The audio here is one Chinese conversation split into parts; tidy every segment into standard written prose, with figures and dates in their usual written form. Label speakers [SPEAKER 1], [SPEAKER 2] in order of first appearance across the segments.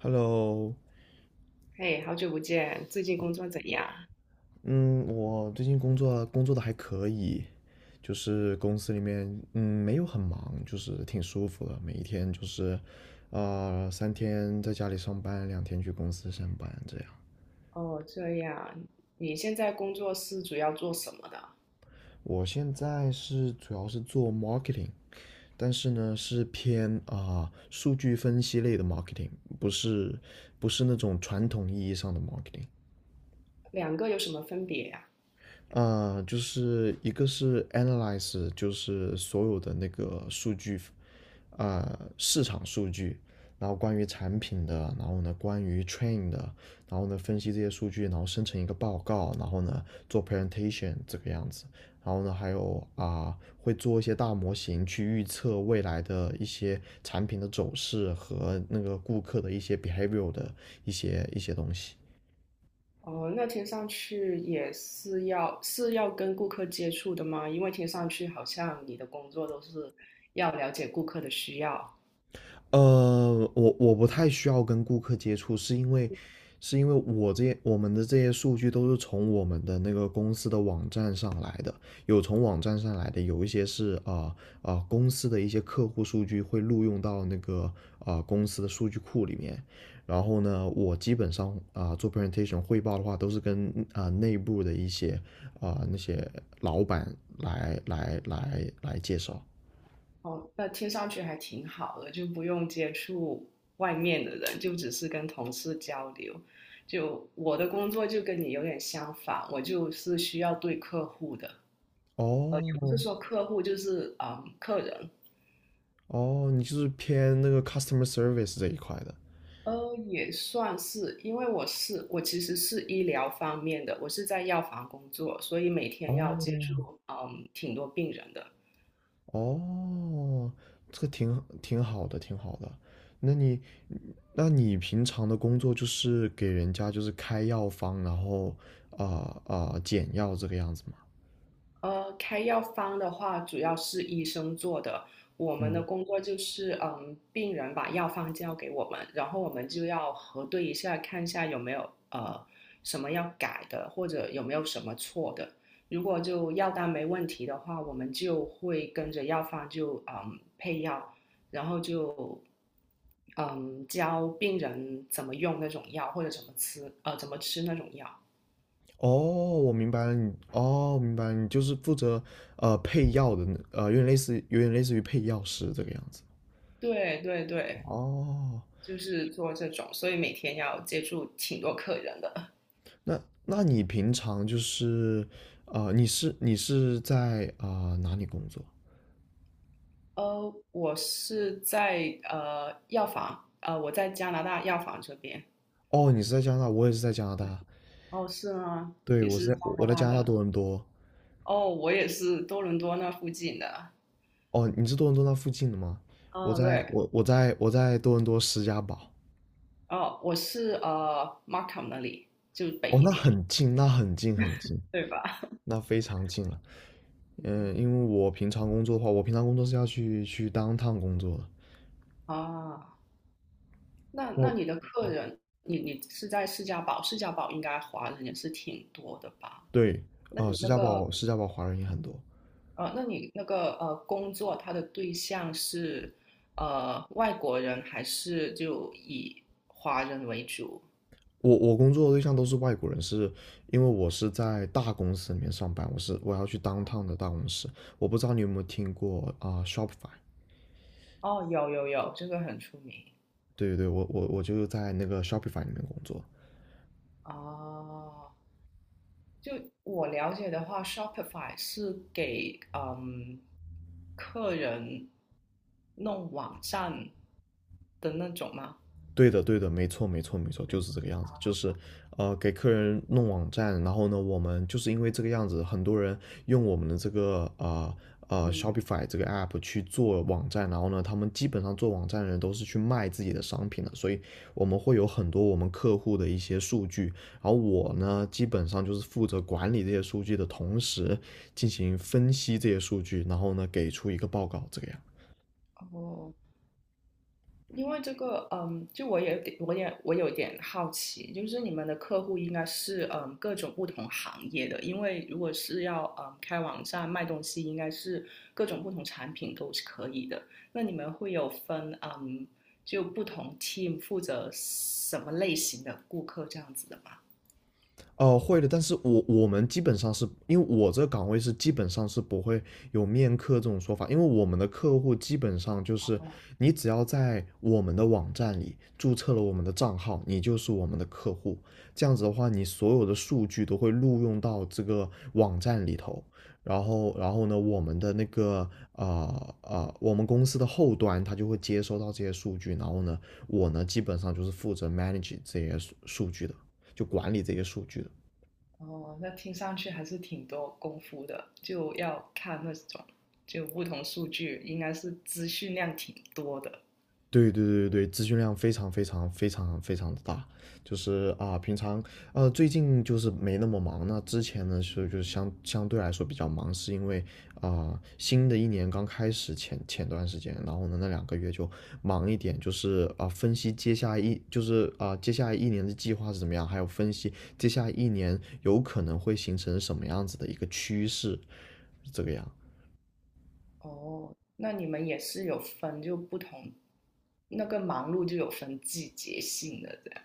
[SPEAKER 1] Hello，
[SPEAKER 2] 嘿，好久不见，最近工作怎样？
[SPEAKER 1] 嗯，我最近工作的还可以，就是公司里面没有很忙，就是挺舒服的，每一天就是三天在家里上班，两天去公司上班这样。
[SPEAKER 2] 哦，这样，你现在工作是主要做什么的？
[SPEAKER 1] 我现在是主要是做 marketing，但是呢是偏数据分析类的 marketing，不是不是那种传统意义上的 marketing。
[SPEAKER 2] 两个有什么分别呀？
[SPEAKER 1] 就是一个是 analyze，就是所有的那个数据市场数据，然后关于产品的，然后呢关于 train 的，然后呢分析这些数据，然后生成一个报告，然后呢做 presentation 这个样子，然后呢还有会做一些大模型去预测未来的一些产品的走势和那个顾客的一些 behavior 的一些东西。
[SPEAKER 2] 哦，那听上去也是要跟顾客接触的吗？因为听上去好像你的工作都是要了解顾客的需要。
[SPEAKER 1] 我不太需要跟顾客接触，是因为我们的这些数据都是从我们的那个公司的网站上来的，有从网站上来的，有一些是公司的一些客户数据会录用到那个公司的数据库里面。然后呢，我基本上做 presentation 汇报的话，都是跟内部的一些那些老板来介绍。
[SPEAKER 2] 哦，那听上去还挺好的，就不用接触外面的人，就只是跟同事交流。就我的工作就跟你有点相反，我就是需要对客户的。也不是
[SPEAKER 1] 哦，
[SPEAKER 2] 说客户，就是客人。
[SPEAKER 1] 哦，你就是偏那个 customer service 这一块的。
[SPEAKER 2] 也算是，因为我其实是医疗方面的，我是在药房工作，所以每天要接
[SPEAKER 1] 哦，
[SPEAKER 2] 触挺多病人的。
[SPEAKER 1] 哦，这个挺好的，挺好的。那你，那你平常的工作就是给人家就是开药方，然后啊减药这个样子吗？
[SPEAKER 2] 开药方的话，主要是医生做的。我们的
[SPEAKER 1] 嗯，
[SPEAKER 2] 工作就是，病人把药方交给我们，然后我们就要核对一下，看一下有没有什么要改的，或者有没有什么错的。如果就药单没问题的话，我们就会跟着药方就配药，然后就教病人怎么用那种药，或者怎么吃那种药。
[SPEAKER 1] 哦，我明白了你，哦，我明白了你就是负责配药的那有点类似，有点类似于配药师这个样子。
[SPEAKER 2] 对对对。
[SPEAKER 1] 哦，
[SPEAKER 2] 就是做这种，所以每天要接触挺多客人的。
[SPEAKER 1] 那那你平常就是，你是在哪里工作？
[SPEAKER 2] 我是在药房，我在加拿大药房这边。
[SPEAKER 1] 哦，你是在加拿大，我也是在加拿大。
[SPEAKER 2] 哦，是吗？
[SPEAKER 1] 对，
[SPEAKER 2] 也
[SPEAKER 1] 我是
[SPEAKER 2] 是
[SPEAKER 1] 在
[SPEAKER 2] 加
[SPEAKER 1] 我
[SPEAKER 2] 拿
[SPEAKER 1] 在
[SPEAKER 2] 大
[SPEAKER 1] 加拿大多
[SPEAKER 2] 的？
[SPEAKER 1] 伦多。
[SPEAKER 2] 哦，我也是多伦多那附近的。
[SPEAKER 1] 哦，你是多伦多那附近的吗？我
[SPEAKER 2] 哦，
[SPEAKER 1] 在
[SPEAKER 2] 对，
[SPEAKER 1] 我我在我在多伦多施加堡。
[SPEAKER 2] 哦，我是Markham 那里，就北
[SPEAKER 1] 哦，
[SPEAKER 2] 一点，
[SPEAKER 1] 那很近很近，
[SPEAKER 2] 对吧？
[SPEAKER 1] 那非常近了。
[SPEAKER 2] 对
[SPEAKER 1] 嗯，因为我平常工作的话，我平常工作是要去当趟工作的。
[SPEAKER 2] 啊，那
[SPEAKER 1] 那
[SPEAKER 2] 那你的客人，你是在士嘉堡，士嘉堡应该华人也是挺多的吧？
[SPEAKER 1] 对，
[SPEAKER 2] 那你
[SPEAKER 1] 施
[SPEAKER 2] 那
[SPEAKER 1] 加堡
[SPEAKER 2] 个
[SPEAKER 1] 施加堡华人也很多。
[SPEAKER 2] 那你那个工作，他的对象是外国人还是就以华人为主？
[SPEAKER 1] 我工作的对象都是外国人，是因为我是在大公司里面上班，我要去当趟的大公司。我不知道你有没有听过Shopify？
[SPEAKER 2] 哦，有有有，这个很出名。
[SPEAKER 1] 对对对，我就在那个 Shopify 里面工作。
[SPEAKER 2] 哦，就我了解的话，Shopify 是给客人弄网站的那种吗？
[SPEAKER 1] 对的，对的，没错，没错，没错，就
[SPEAKER 2] 对，
[SPEAKER 1] 是这个样子，就是给客人弄网站，然后呢，我们就是因为这个样子，很多人用我们的这个
[SPEAKER 2] 嗯，
[SPEAKER 1] Shopify 这个 app 去做网站，然后呢，他们基本上做网站的人都是去卖自己的商品的，所以我们会有很多我们客户的一些数据，然后我呢，基本上就是负责管理这些数据的同时，进行分析这些数据，然后呢，给出一个报告，这个样。
[SPEAKER 2] 哦，因为这个，就我有点，我也有点好奇，就是你们的客户应该是各种不同行业的，因为如果是要开网站卖东西，应该是各种不同产品都是可以的。那你们会有分就不同 team 负责什么类型的顾客这样子的吗？
[SPEAKER 1] 会的，但是我们基本上是因为我这个岗位是基本上是不会有面客这种说法，因为我们的客户基本上就是你只要在我们的网站里注册了我们的账号，你就是我们的客户。这样子的话，你所有的数据都会录用到这个网站里头。然后呢，我们公司的后端它就会接收到这些数据，然后呢，我呢基本上就是负责 manage 这些数据的。就管理这些数据的。
[SPEAKER 2] 哦，那听上去还是挺多功夫的，就要看那种就不同数据，应该是资讯量挺多的。
[SPEAKER 1] 对对对对，对，资讯量非常非常非常非常的大，就是啊，平常最近就是没那么忙，那之前呢就是相对来说比较忙，是因为新的一年刚开始前段时间，然后呢那2个月就忙一点，就是分析接下来一就是接下来一年的计划是怎么样，还有分析接下来一年有可能会形成什么样子的一个趋势，这个样。
[SPEAKER 2] 哦，那你们也是有分就不同，那个忙碌就有分季节性的这样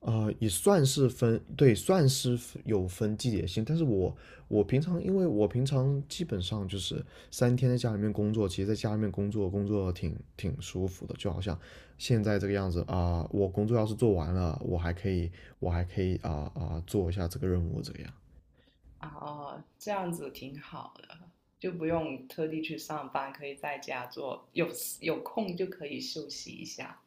[SPEAKER 1] 啊，也算是分，对，算是有分季节性，但是我平常，因为我平常基本上就是三天在家里面工作，其实在家里面工作挺舒服的，就好像现在这个样子我工作要是做完了，我还可以做一下这个任务这个样。
[SPEAKER 2] 啊。哦，这样子挺好的，就不用特地去上班，可以在家做，有空就可以休息一下。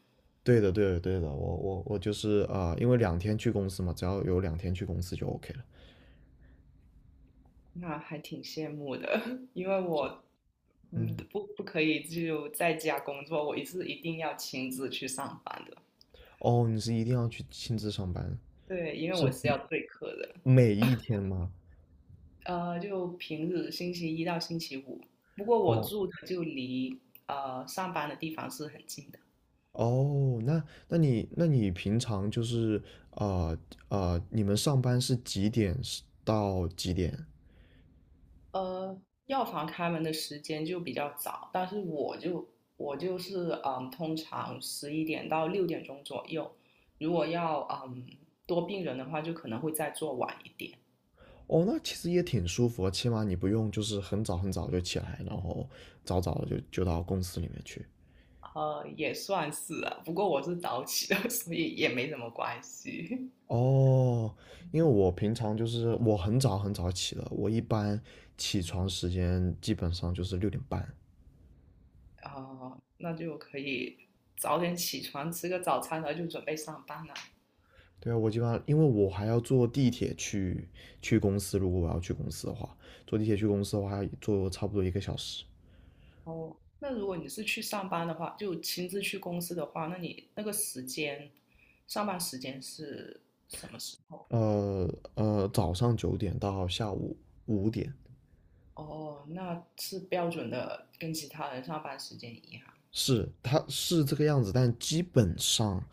[SPEAKER 1] 对的，对的，对的，我就是因为两天去公司嘛，只要有两天去公司就 OK 了。
[SPEAKER 2] 那还挺羡慕的，因为我
[SPEAKER 1] 嗯，
[SPEAKER 2] 不可以就在家工作，我是一定要亲自去上班的。
[SPEAKER 1] 哦，你是一定要去亲自上班，
[SPEAKER 2] 对，因为
[SPEAKER 1] 是
[SPEAKER 2] 我是要对课的。
[SPEAKER 1] 每一天吗？
[SPEAKER 2] 就平日星期一到星期五。不过我
[SPEAKER 1] 哦
[SPEAKER 2] 住的就离上班的地方是很近的。
[SPEAKER 1] 哦，那你平常就是啊啊、你们上班是几点到几点？
[SPEAKER 2] 呃，药房开门的时间就比较早，但是我就是通常11点到6点钟左右。如果要多病人的话，就可能会再做晚一点。
[SPEAKER 1] 哦，那其实也挺舒服的起码你不用就是很早很早就起来，然后早早的就到公司里面去。
[SPEAKER 2] 也算是啊，不过我是早起的，所以也没什么关系。
[SPEAKER 1] 哦，因为我平常就是我很早很早起的，我一般起床时间基本上就是6点半。
[SPEAKER 2] 那就可以早点起床，吃个早餐，然后就准备上班了。
[SPEAKER 1] 对啊，我基本上因为我还要坐地铁去公司，如果我要去公司的话，坐地铁去公司的话，要坐差不多1个小时。
[SPEAKER 2] 哦，那如果你是去上班的话，就亲自去公司的话，那你那个时间，上班时间是什么时候？
[SPEAKER 1] 呃早上9点到下午5点，
[SPEAKER 2] 哦，那是标准的，跟其他人上班时间一样。
[SPEAKER 1] 是，它是这个样子，但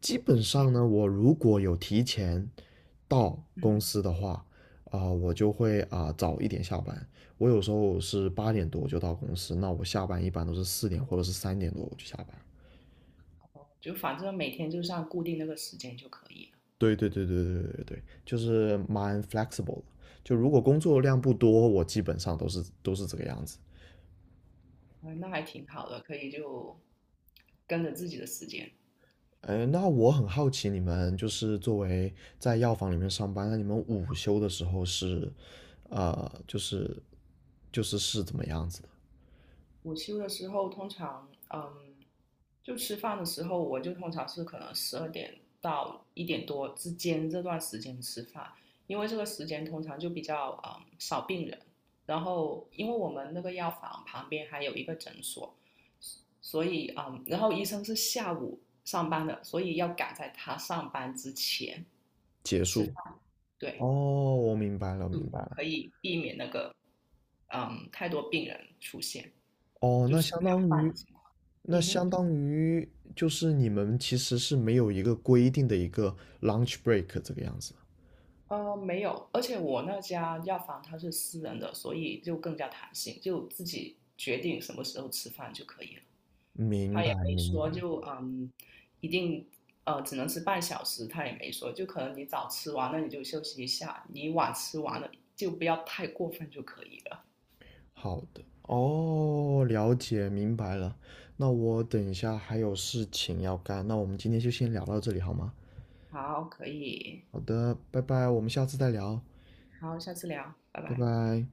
[SPEAKER 1] 基本上呢，我如果有提前到公
[SPEAKER 2] 嗯，
[SPEAKER 1] 司的话，我就会早一点下班。我有时候是8点多就到公司，那我下班一般都是4点或者是3点多我就下班。
[SPEAKER 2] 哦，就反正每天就是按固定那个时间就可以了。
[SPEAKER 1] 对对对对对对对，就是蛮 flexible 的。就如果工作量不多，我基本上都是这个样子。
[SPEAKER 2] 哎，那还挺好的，可以就跟着自己的时间。
[SPEAKER 1] 哎，那我很好奇，你们就是作为在药房里面上班，那你们午休的时候是，呃，就是就是是怎么样子的？
[SPEAKER 2] 午休的时候，通常，就吃饭的时候，我就通常是可能12点到1点多之间这段时间吃饭，因为这个时间通常就比较少病人，然后因为我们那个药房旁边还有一个诊所，所以然后医生是下午上班的，所以要赶在他上班之前
[SPEAKER 1] 结
[SPEAKER 2] 吃
[SPEAKER 1] 束？
[SPEAKER 2] 饭。对，
[SPEAKER 1] 哦，我明白了，明白了。
[SPEAKER 2] 嗯，太多病人出现，
[SPEAKER 1] 哦，
[SPEAKER 2] 就吃不了饭的情况。
[SPEAKER 1] 那
[SPEAKER 2] 嗯
[SPEAKER 1] 相
[SPEAKER 2] 哼。
[SPEAKER 1] 当于就是你们其实是没有一个规定的一个 lunch break 这个样子。
[SPEAKER 2] 没有，而且我那家药房它是私人的，所以就更加弹性，就自己决定什么时候吃饭就可以了。
[SPEAKER 1] 明
[SPEAKER 2] 他也
[SPEAKER 1] 白，
[SPEAKER 2] 没
[SPEAKER 1] 明
[SPEAKER 2] 说
[SPEAKER 1] 白。
[SPEAKER 2] 就一定只能吃半小时，他也没说，就可能你早吃完那你就休息一下，你晚吃完了就不要太过分就可以了。
[SPEAKER 1] 好的，哦，了解，明白了。那我等一下还有事情要干，那我们今天就先聊到这里好吗？
[SPEAKER 2] 好，可以，
[SPEAKER 1] 好的，拜拜，我们下次再聊，
[SPEAKER 2] 好，下次聊，拜
[SPEAKER 1] 拜
[SPEAKER 2] 拜。
[SPEAKER 1] 拜。